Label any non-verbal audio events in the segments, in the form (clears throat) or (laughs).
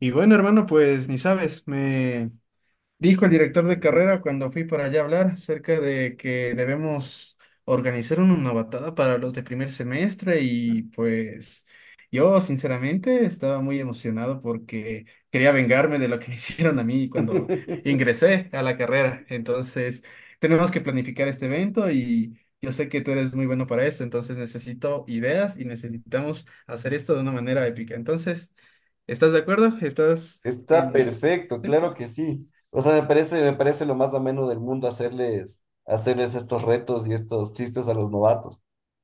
Y bueno, hermano, pues ni sabes, dijo el director de carrera cuando fui para allá a hablar acerca de que debemos organizar una novatada para los de primer semestre, y pues yo sinceramente estaba muy emocionado porque quería vengarme de lo que (laughs) me hicieron a mí cuando (laughs) ingresé a la carrera. Entonces tenemos que planificar este evento y yo sé que tú eres muy bueno para esto, entonces necesito ideas y necesitamos hacer esto de una manera épica. Entonces, ¿estás de acuerdo? Está en... perfecto, claro que sí. O sea, me parece lo más ameno del mundo hacerles estos retos y estos chistes a los novatos.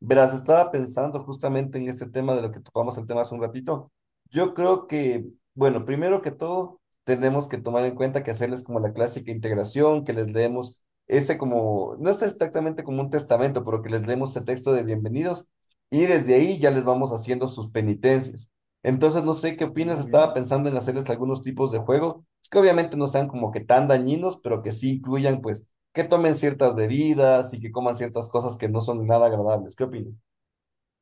Verás, estaba pensando justamente en este tema de lo que tocamos el tema hace un ratito. Yo creo que, bueno, primero que todo, tenemos que tomar en cuenta que hacerles como la clásica integración, que les leemos ese como, no es exactamente como un testamento, pero que les leemos ese texto de bienvenidos y desde ahí ya les vamos haciendo sus penitencias. Entonces, no sé qué Ya, opinas, muy estaba bien. pensando en hacerles algunos tipos de juegos que obviamente no sean como que tan dañinos, pero que sí incluyan, pues, que tomen ciertas bebidas y que coman ciertas cosas que no son nada agradables. ¿Qué opinas?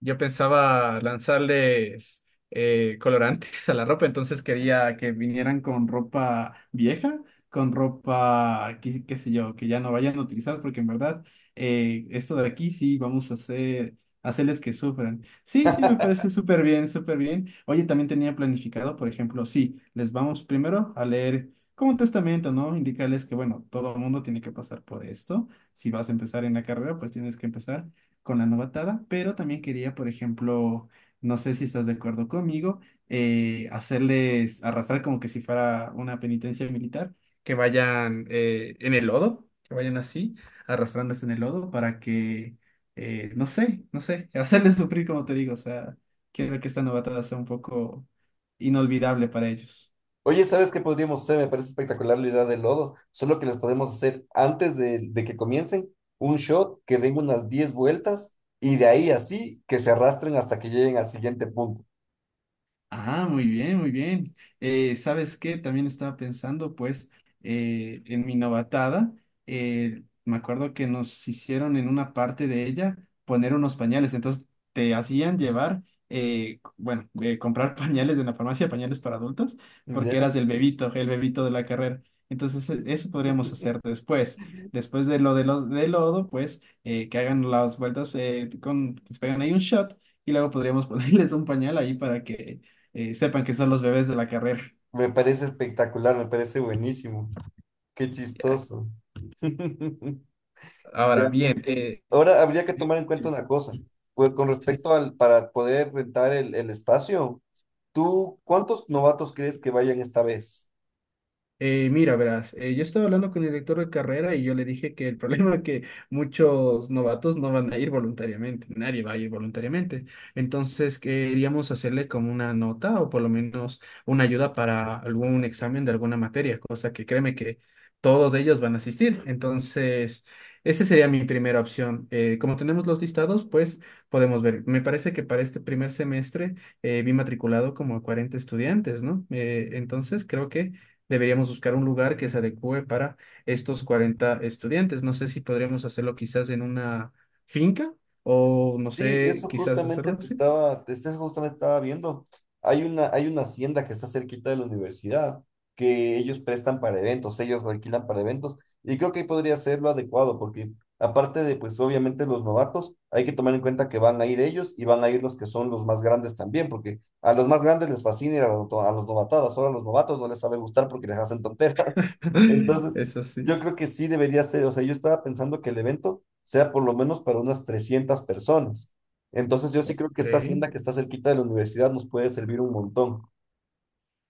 Yo pensaba lanzarles colorantes (laughs) a la ropa, entonces quería que vinieran con ropa vieja, con ropa, qué sé yo, que ya no vayan a utilizar, porque en verdad esto de aquí sí vamos a hacerles que sufran. Sí, sí, me parece súper bien, súper bien. Oye, también tenía planificado, por ejemplo, sí, les vamos primero a leer como un testamento, ¿no? Indicarles que, bueno, todo el mundo tiene que pasar por esto. Si vas a empezar en la carrera, pues tienes que empezar con la novatada, pero también quería, por ejemplo, no sé si estás de acuerdo conmigo, hacerles arrastrar como que si fuera una penitencia militar, que vayan en el lodo, que vayan así, arrastrándose en el lodo para que, no sé, no sé, (laughs) hacerles sufrir como te digo, o sea, quiero que esta novatada sea un poco inolvidable para ellos. Oye, ¿sabes qué podríamos hacer? Me parece espectacular la idea del lodo, solo que les podemos hacer antes de que comiencen un shot que den unas 10 vueltas y de ahí así que se arrastren hasta que lleguen al siguiente punto. Ah, muy bien, muy bien. ¿Sabes qué? También estaba pensando, pues, en mi novatada. Eh, me acuerdo que nos hicieron en una parte de ella poner unos pañales. Entonces, te hacían llevar, bueno, comprar (laughs) pañales de la farmacia, pañales para adultos, porque ¿Ya? eras el bebito de la carrera. Entonces, eso podríamos hacer después. Después de lo de los de lodo, pues, que hagan las vueltas, que se pegan ahí un shot. Y luego podríamos (laughs) ponerles un pañal ahí para que sepan que son los bebés de la carrera. Me parece espectacular, me parece buenísimo. Qué Ya. chistoso. (laughs) Ya, Ahora, bien, muy bien. Ahora habría que tomar en cuenta (laughs) una cosa. Pues con sí. respecto para poder rentar el espacio, ¿tú cuántos novatos crees que vayan esta vez? Mira, verás, yo estaba hablando con el director de carrera y yo le dije que el (laughs) problema es que muchos novatos no van a ir voluntariamente, nadie va a ir voluntariamente. Entonces, queríamos hacerle como una nota o por lo menos una ayuda para algún examen de alguna materia, cosa que créeme que todos ellos van a asistir. Entonces, esa sería mi primera opción. Como tenemos los listados, pues podemos ver. Me parece que para este primer semestre vi matriculado como a 40 estudiantes, ¿no? Entonces, creo que deberíamos buscar un lugar que se adecue para estos 40 estudiantes. No sé si podríamos hacerlo quizás en una finca o no Sí, sé, eso quizás justamente hacerlo te así. estaba, justamente estaba viendo. Hay una hacienda que está cerquita de la universidad que ellos prestan para eventos, ellos alquilan para eventos y creo que ahí podría ser lo adecuado porque aparte de pues obviamente los novatos, hay que tomar en cuenta que van a ir ellos y van a ir los que son los más grandes también porque a los más grandes les fascina ir a, a los novatadas, solo a los novatos no les sabe gustar porque les hacen tonteras. (laughs) Entonces, Eso yo sí. creo que sí debería ser, o sea, yo estaba pensando que el evento sea por lo menos para unas 300 personas. Entonces, yo sí creo que esta hacienda Ok. que está cerquita de la universidad nos puede servir un montón.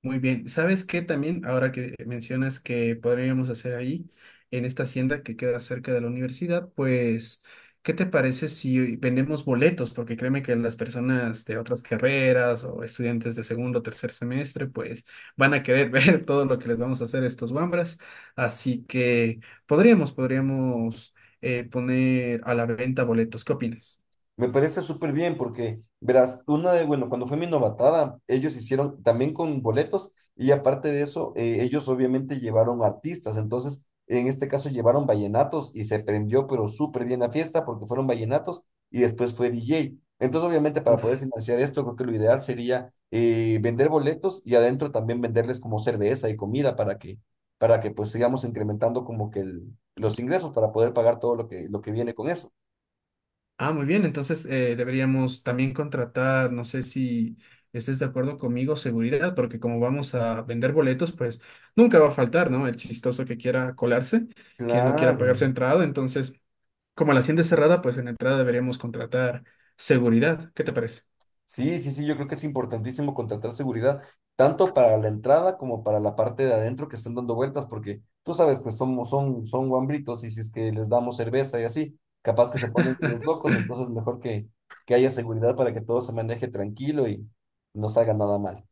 Muy bien. ¿Sabes qué también, ahora que mencionas que podríamos hacer ahí, en esta hacienda que queda cerca de la universidad, pues, qué te parece si vendemos boletos? Porque créeme que las personas de otras carreras o estudiantes de segundo o tercer semestre, pues, van a querer (laughs) ver todo lo que les vamos a hacer a estos wambras. Así que podríamos poner a la venta boletos. ¿Qué opinas? Me parece súper bien porque, verás, bueno, cuando fue mi novatada, ellos hicieron también con boletos y aparte de eso, ellos obviamente llevaron artistas. Entonces, en este caso llevaron vallenatos y se prendió, pero súper bien la fiesta porque fueron vallenatos y después fue DJ. Entonces, obviamente, para poder Uf. financiar esto, creo que lo ideal sería vender boletos y adentro también venderles como cerveza y comida para que pues sigamos incrementando como que los ingresos para poder pagar todo lo que viene con eso. Ah, muy bien, entonces deberíamos también contratar, no sé si estés de acuerdo conmigo, seguridad, porque como vamos a vender boletos, pues nunca va a faltar, ¿no? El chistoso que quiera colarse, que no quiera pagar su Claro. entrada, entonces como la hacienda es cerrada, pues en la entrada deberíamos contratar seguridad, ¿qué te parece? Sí, sí, sí, yo creo que es importantísimo contratar seguridad, tanto para la entrada como para la parte de adentro que están dando vueltas, porque tú sabes, pues son guambritos y si es que les damos cerveza y así, capaz que se ponen (laughs) los locos, entonces mejor que haya seguridad para que todo se maneje tranquilo y no salga nada mal.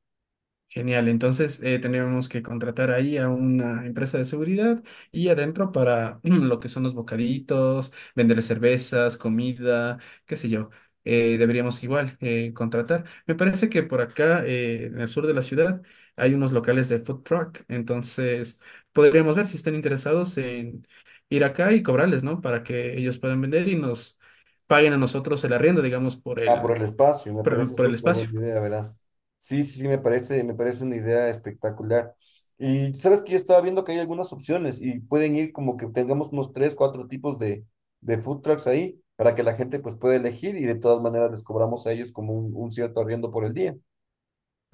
Genial, entonces tenemos que contratar ahí a una empresa de seguridad y adentro para (clears throat) lo que son los bocaditos, vender cervezas, comida, qué sé yo. Deberíamos igual contratar. Me parece que por acá, en el sur de la ciudad, hay unos locales de food truck, entonces podríamos ver si están interesados en ir acá y cobrarles, ¿no? Para que ellos puedan vender y nos paguen a nosotros el arriendo, digamos, Ah, por el espacio, me parece por el súper espacio. buena idea, verás. Sí, sí, sí, me parece una idea espectacular. Y sabes que yo estaba viendo que hay algunas opciones y pueden ir como que tengamos unos tres, cuatro tipos de food trucks ahí para que la gente pues pueda elegir y de todas maneras les cobramos a ellos como un, cierto arriendo por el día.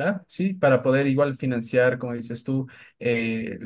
Ah, sí, para poder igual financiar, como dices tú, eh,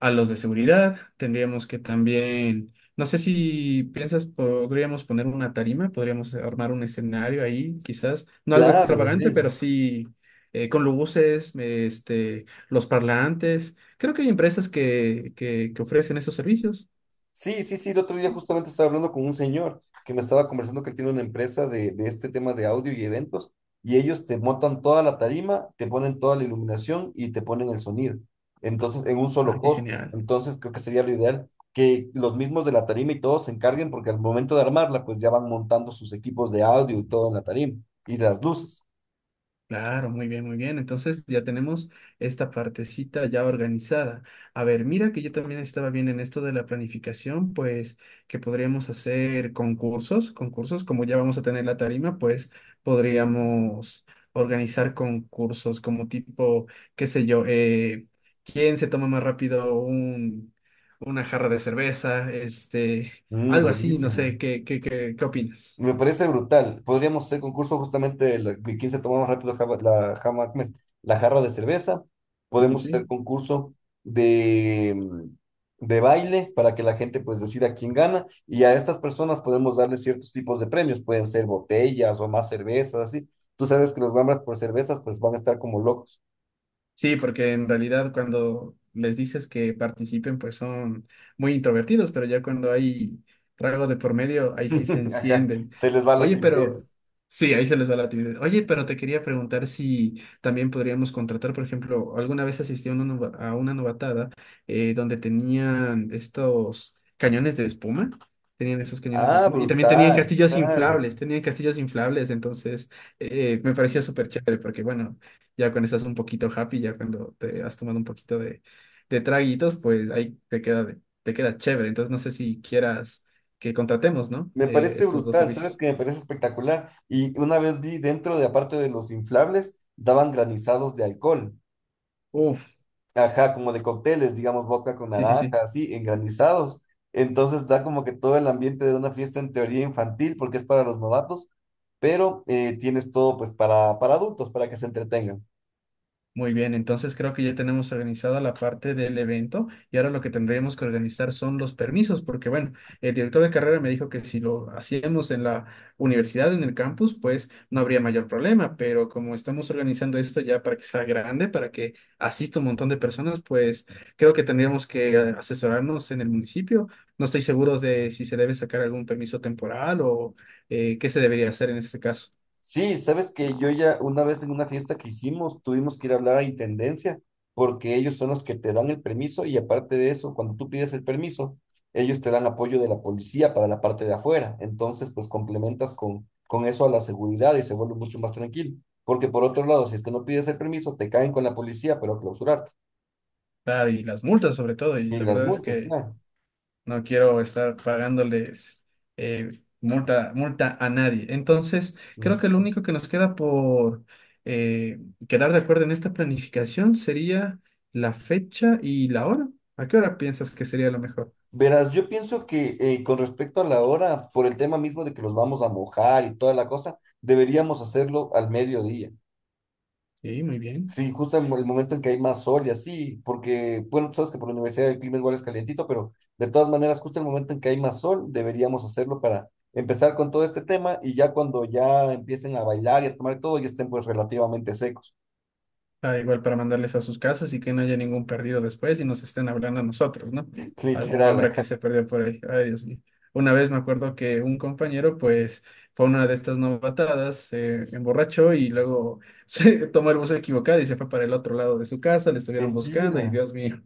a los de seguridad, tendríamos que también, no sé si piensas, podríamos poner una tarima, podríamos armar un escenario ahí, quizás, no algo Claro, de extravagante, ley. pero sí con luces, este, los parlantes. Creo que hay empresas que ofrecen esos servicios. Sí, sí, sí, el otro día justamente estaba hablando con un señor que me estaba conversando que él tiene una empresa de este tema de audio y eventos y ellos te montan toda la tarima, te ponen toda la iluminación y te ponen el sonido. Entonces, en un Ah, solo qué costo. genial. Entonces, creo que sería lo ideal que los mismos de la tarima y todos se encarguen porque al momento de armarla, pues ya van montando sus equipos de audio y todo en la tarima y las luces. Claro, muy bien, muy bien. Entonces ya tenemos esta partecita ya organizada. A ver, mira que yo también estaba bien en esto de la planificación, pues que podríamos hacer concursos, como ya vamos a tener la tarima, pues podríamos organizar concursos como tipo, qué sé yo, quién se toma más rápido una jarra de cerveza, este, Mm, algo así, no buenísimo. sé, ¿ qué opinas? Me parece brutal. Podríamos hacer concurso justamente de quién se toma más rápido ¿cómo es? La jarra de cerveza. Sí, Podemos sí. hacer concurso de, mm, de baile para que la gente pues decida quién gana. Y a estas personas podemos darles ciertos tipos de premios. Pueden ser botellas o más cervezas, así. Tú sabes que los bambas por cervezas pues van a estar como locos. Sí, porque en realidad cuando les dices que participen, pues son muy introvertidos, pero ya cuando hay trago de por medio, ahí sí se (laughs) Ajá. encienden. Se les va la Oye, timidez. pero sí, ahí se les va la timidez. Oye, pero te quería preguntar si también podríamos contratar, por ejemplo, alguna vez asistí a una, a una novatada donde tenían estos cañones de espuma. Tenían esos cañones de Ah, espuma y también brutal. Claro. Tenían castillos inflables, entonces me parecía súper chévere porque, bueno, ya cuando estás un poquito happy, ya cuando te has tomado un poquito de traguitos, pues ahí te queda, te queda chévere. Entonces no sé si quieras que contratemos, ¿no? Me parece Estos dos brutal, ¿sabes servicios. qué? Me parece espectacular. Y una vez vi dentro de, aparte de los inflables, daban granizados de alcohol. Uf, Ajá, como de cócteles, digamos, vodka con sí, sí, naranja, sí. así, en granizados. Entonces da como que todo el ambiente de una fiesta en teoría infantil, porque es para los novatos, pero tienes todo pues para adultos, para que se entretengan. Muy bien, entonces creo que ya tenemos organizada la parte del evento y ahora lo que tendríamos que organizar son los permisos, porque bueno, el director de carrera me dijo que si lo hacíamos en la universidad, en el campus, pues no habría mayor problema, pero como estamos organizando esto ya para que sea grande, para que asista un montón de personas, pues creo que tendríamos que asesorarnos en el municipio. No estoy seguro de si se debe sacar algún permiso temporal o qué se debería hacer en este caso. Sí, sabes que yo ya una vez en una fiesta que hicimos tuvimos que ir a hablar a Intendencia porque ellos son los que te dan el permiso y aparte de eso, cuando tú pides el permiso, ellos te dan apoyo de la policía para la parte de afuera. Entonces, pues complementas con eso a la seguridad y se vuelve mucho más tranquilo. Porque por otro lado, si es que no pides el permiso, te caen con la policía, pero a clausurarte. Ah, y las multas sobre todo, y Y la las verdad es multas, que... claro. No quiero estar pagándoles multa a nadie. Entonces, creo que lo Mm. único que nos queda por eh, quedar de acuerdo en esta planificación sería la fecha y la hora. ¿A qué hora piensas que sería lo mejor? Verás, yo pienso que con respecto a la hora, por el tema mismo de que los vamos a mojar y toda la cosa, deberíamos hacerlo al mediodía. Sí, muy bien. Sí, justo en el momento en que hay más sol y así, porque, bueno, tú sabes que por la universidad el clima igual es calientito, pero de todas maneras, justo en el momento en que hay más sol, deberíamos hacerlo para empezar con todo este tema y ya cuando ya empiecen a bailar y a tomar todo, ya estén pues relativamente secos. Ah, igual para mandarles a sus casas y que no haya ningún perdido después y nos estén hablando a nosotros, ¿no? (laughs) Algún Literal, hambra que acá. se perdió por ahí. Ay, Dios mío. Una vez me acuerdo que un compañero, pues, fue a una de estas novatadas, se emborrachó y luego (laughs) se tomó el bus equivocado y se fue para el otro lado de su casa, le estuvieron buscando y Mentira, Dios mío.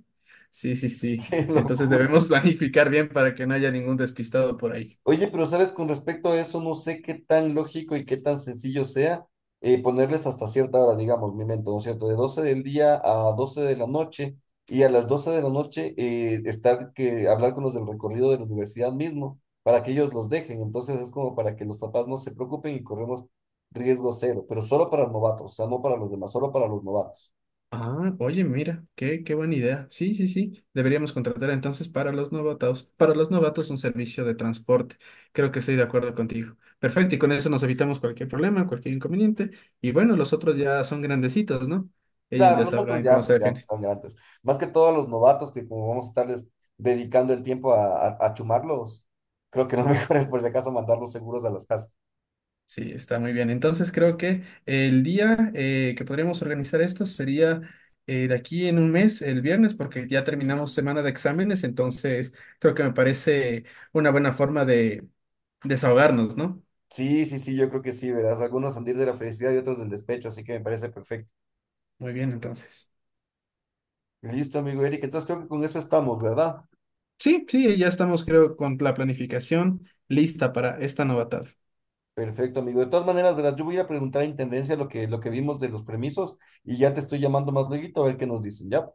Sí, sí, sí. (laughs) qué Entonces locura. debemos (laughs) planificar bien para que no haya ningún despistado por ahí. Oye, pero sabes, con respecto a eso, no sé qué tan lógico y qué tan sencillo sea ponerles hasta cierta hora, digamos, mi mento, ¿no es cierto? De 12 del día a 12 de la noche y a las 12 de la noche estar que hablar con los del recorrido de la universidad mismo para que ellos los dejen. Entonces es como para que los papás no se preocupen y corremos riesgo cero, pero solo para novatos, o sea, no para los demás, solo para los novatos. Ah, oye, mira, qué buena idea. Sí, sí, sí. Deberíamos contratar entonces para los novatos un servicio de transporte. Creo que estoy de acuerdo contigo. Perfecto, y con eso nos evitamos cualquier problema, cualquier inconveniente. Y bueno, los otros ya son grandecitos, ¿no? Ellos Claro, ya nosotros sabrán cómo ya, se pues ya defienden. están grandes. Más que todos los novatos que como vamos a estarles dedicando el tiempo a, a chumarlos, creo que lo mejor es por si acaso mandarlos seguros a las casas. Sí, está muy bien. Entonces creo que el día que podríamos organizar esto sería de aquí en 1 mes, el viernes, porque ya terminamos semana de exámenes, entonces creo que me parece una buena forma de desahogarnos, ¿no? Sí, sí, sí, yo creo que sí, verás. Algunos han de ir de la felicidad y otros del despecho, así que me parece perfecto. Muy bien, entonces. Listo, amigo Eric. Entonces creo que con eso estamos, ¿verdad? Sí, sí, ya estamos creo con la planificación lista para esta novatada. Perfecto, amigo. De todas maneras, verás, yo voy a ir a preguntar a Intendencia lo que vimos de los permisos y ya te estoy llamando más luego a ver qué nos dicen. Ya,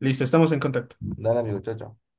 Listo, estamos en contacto. dale, amigo, chao, chao.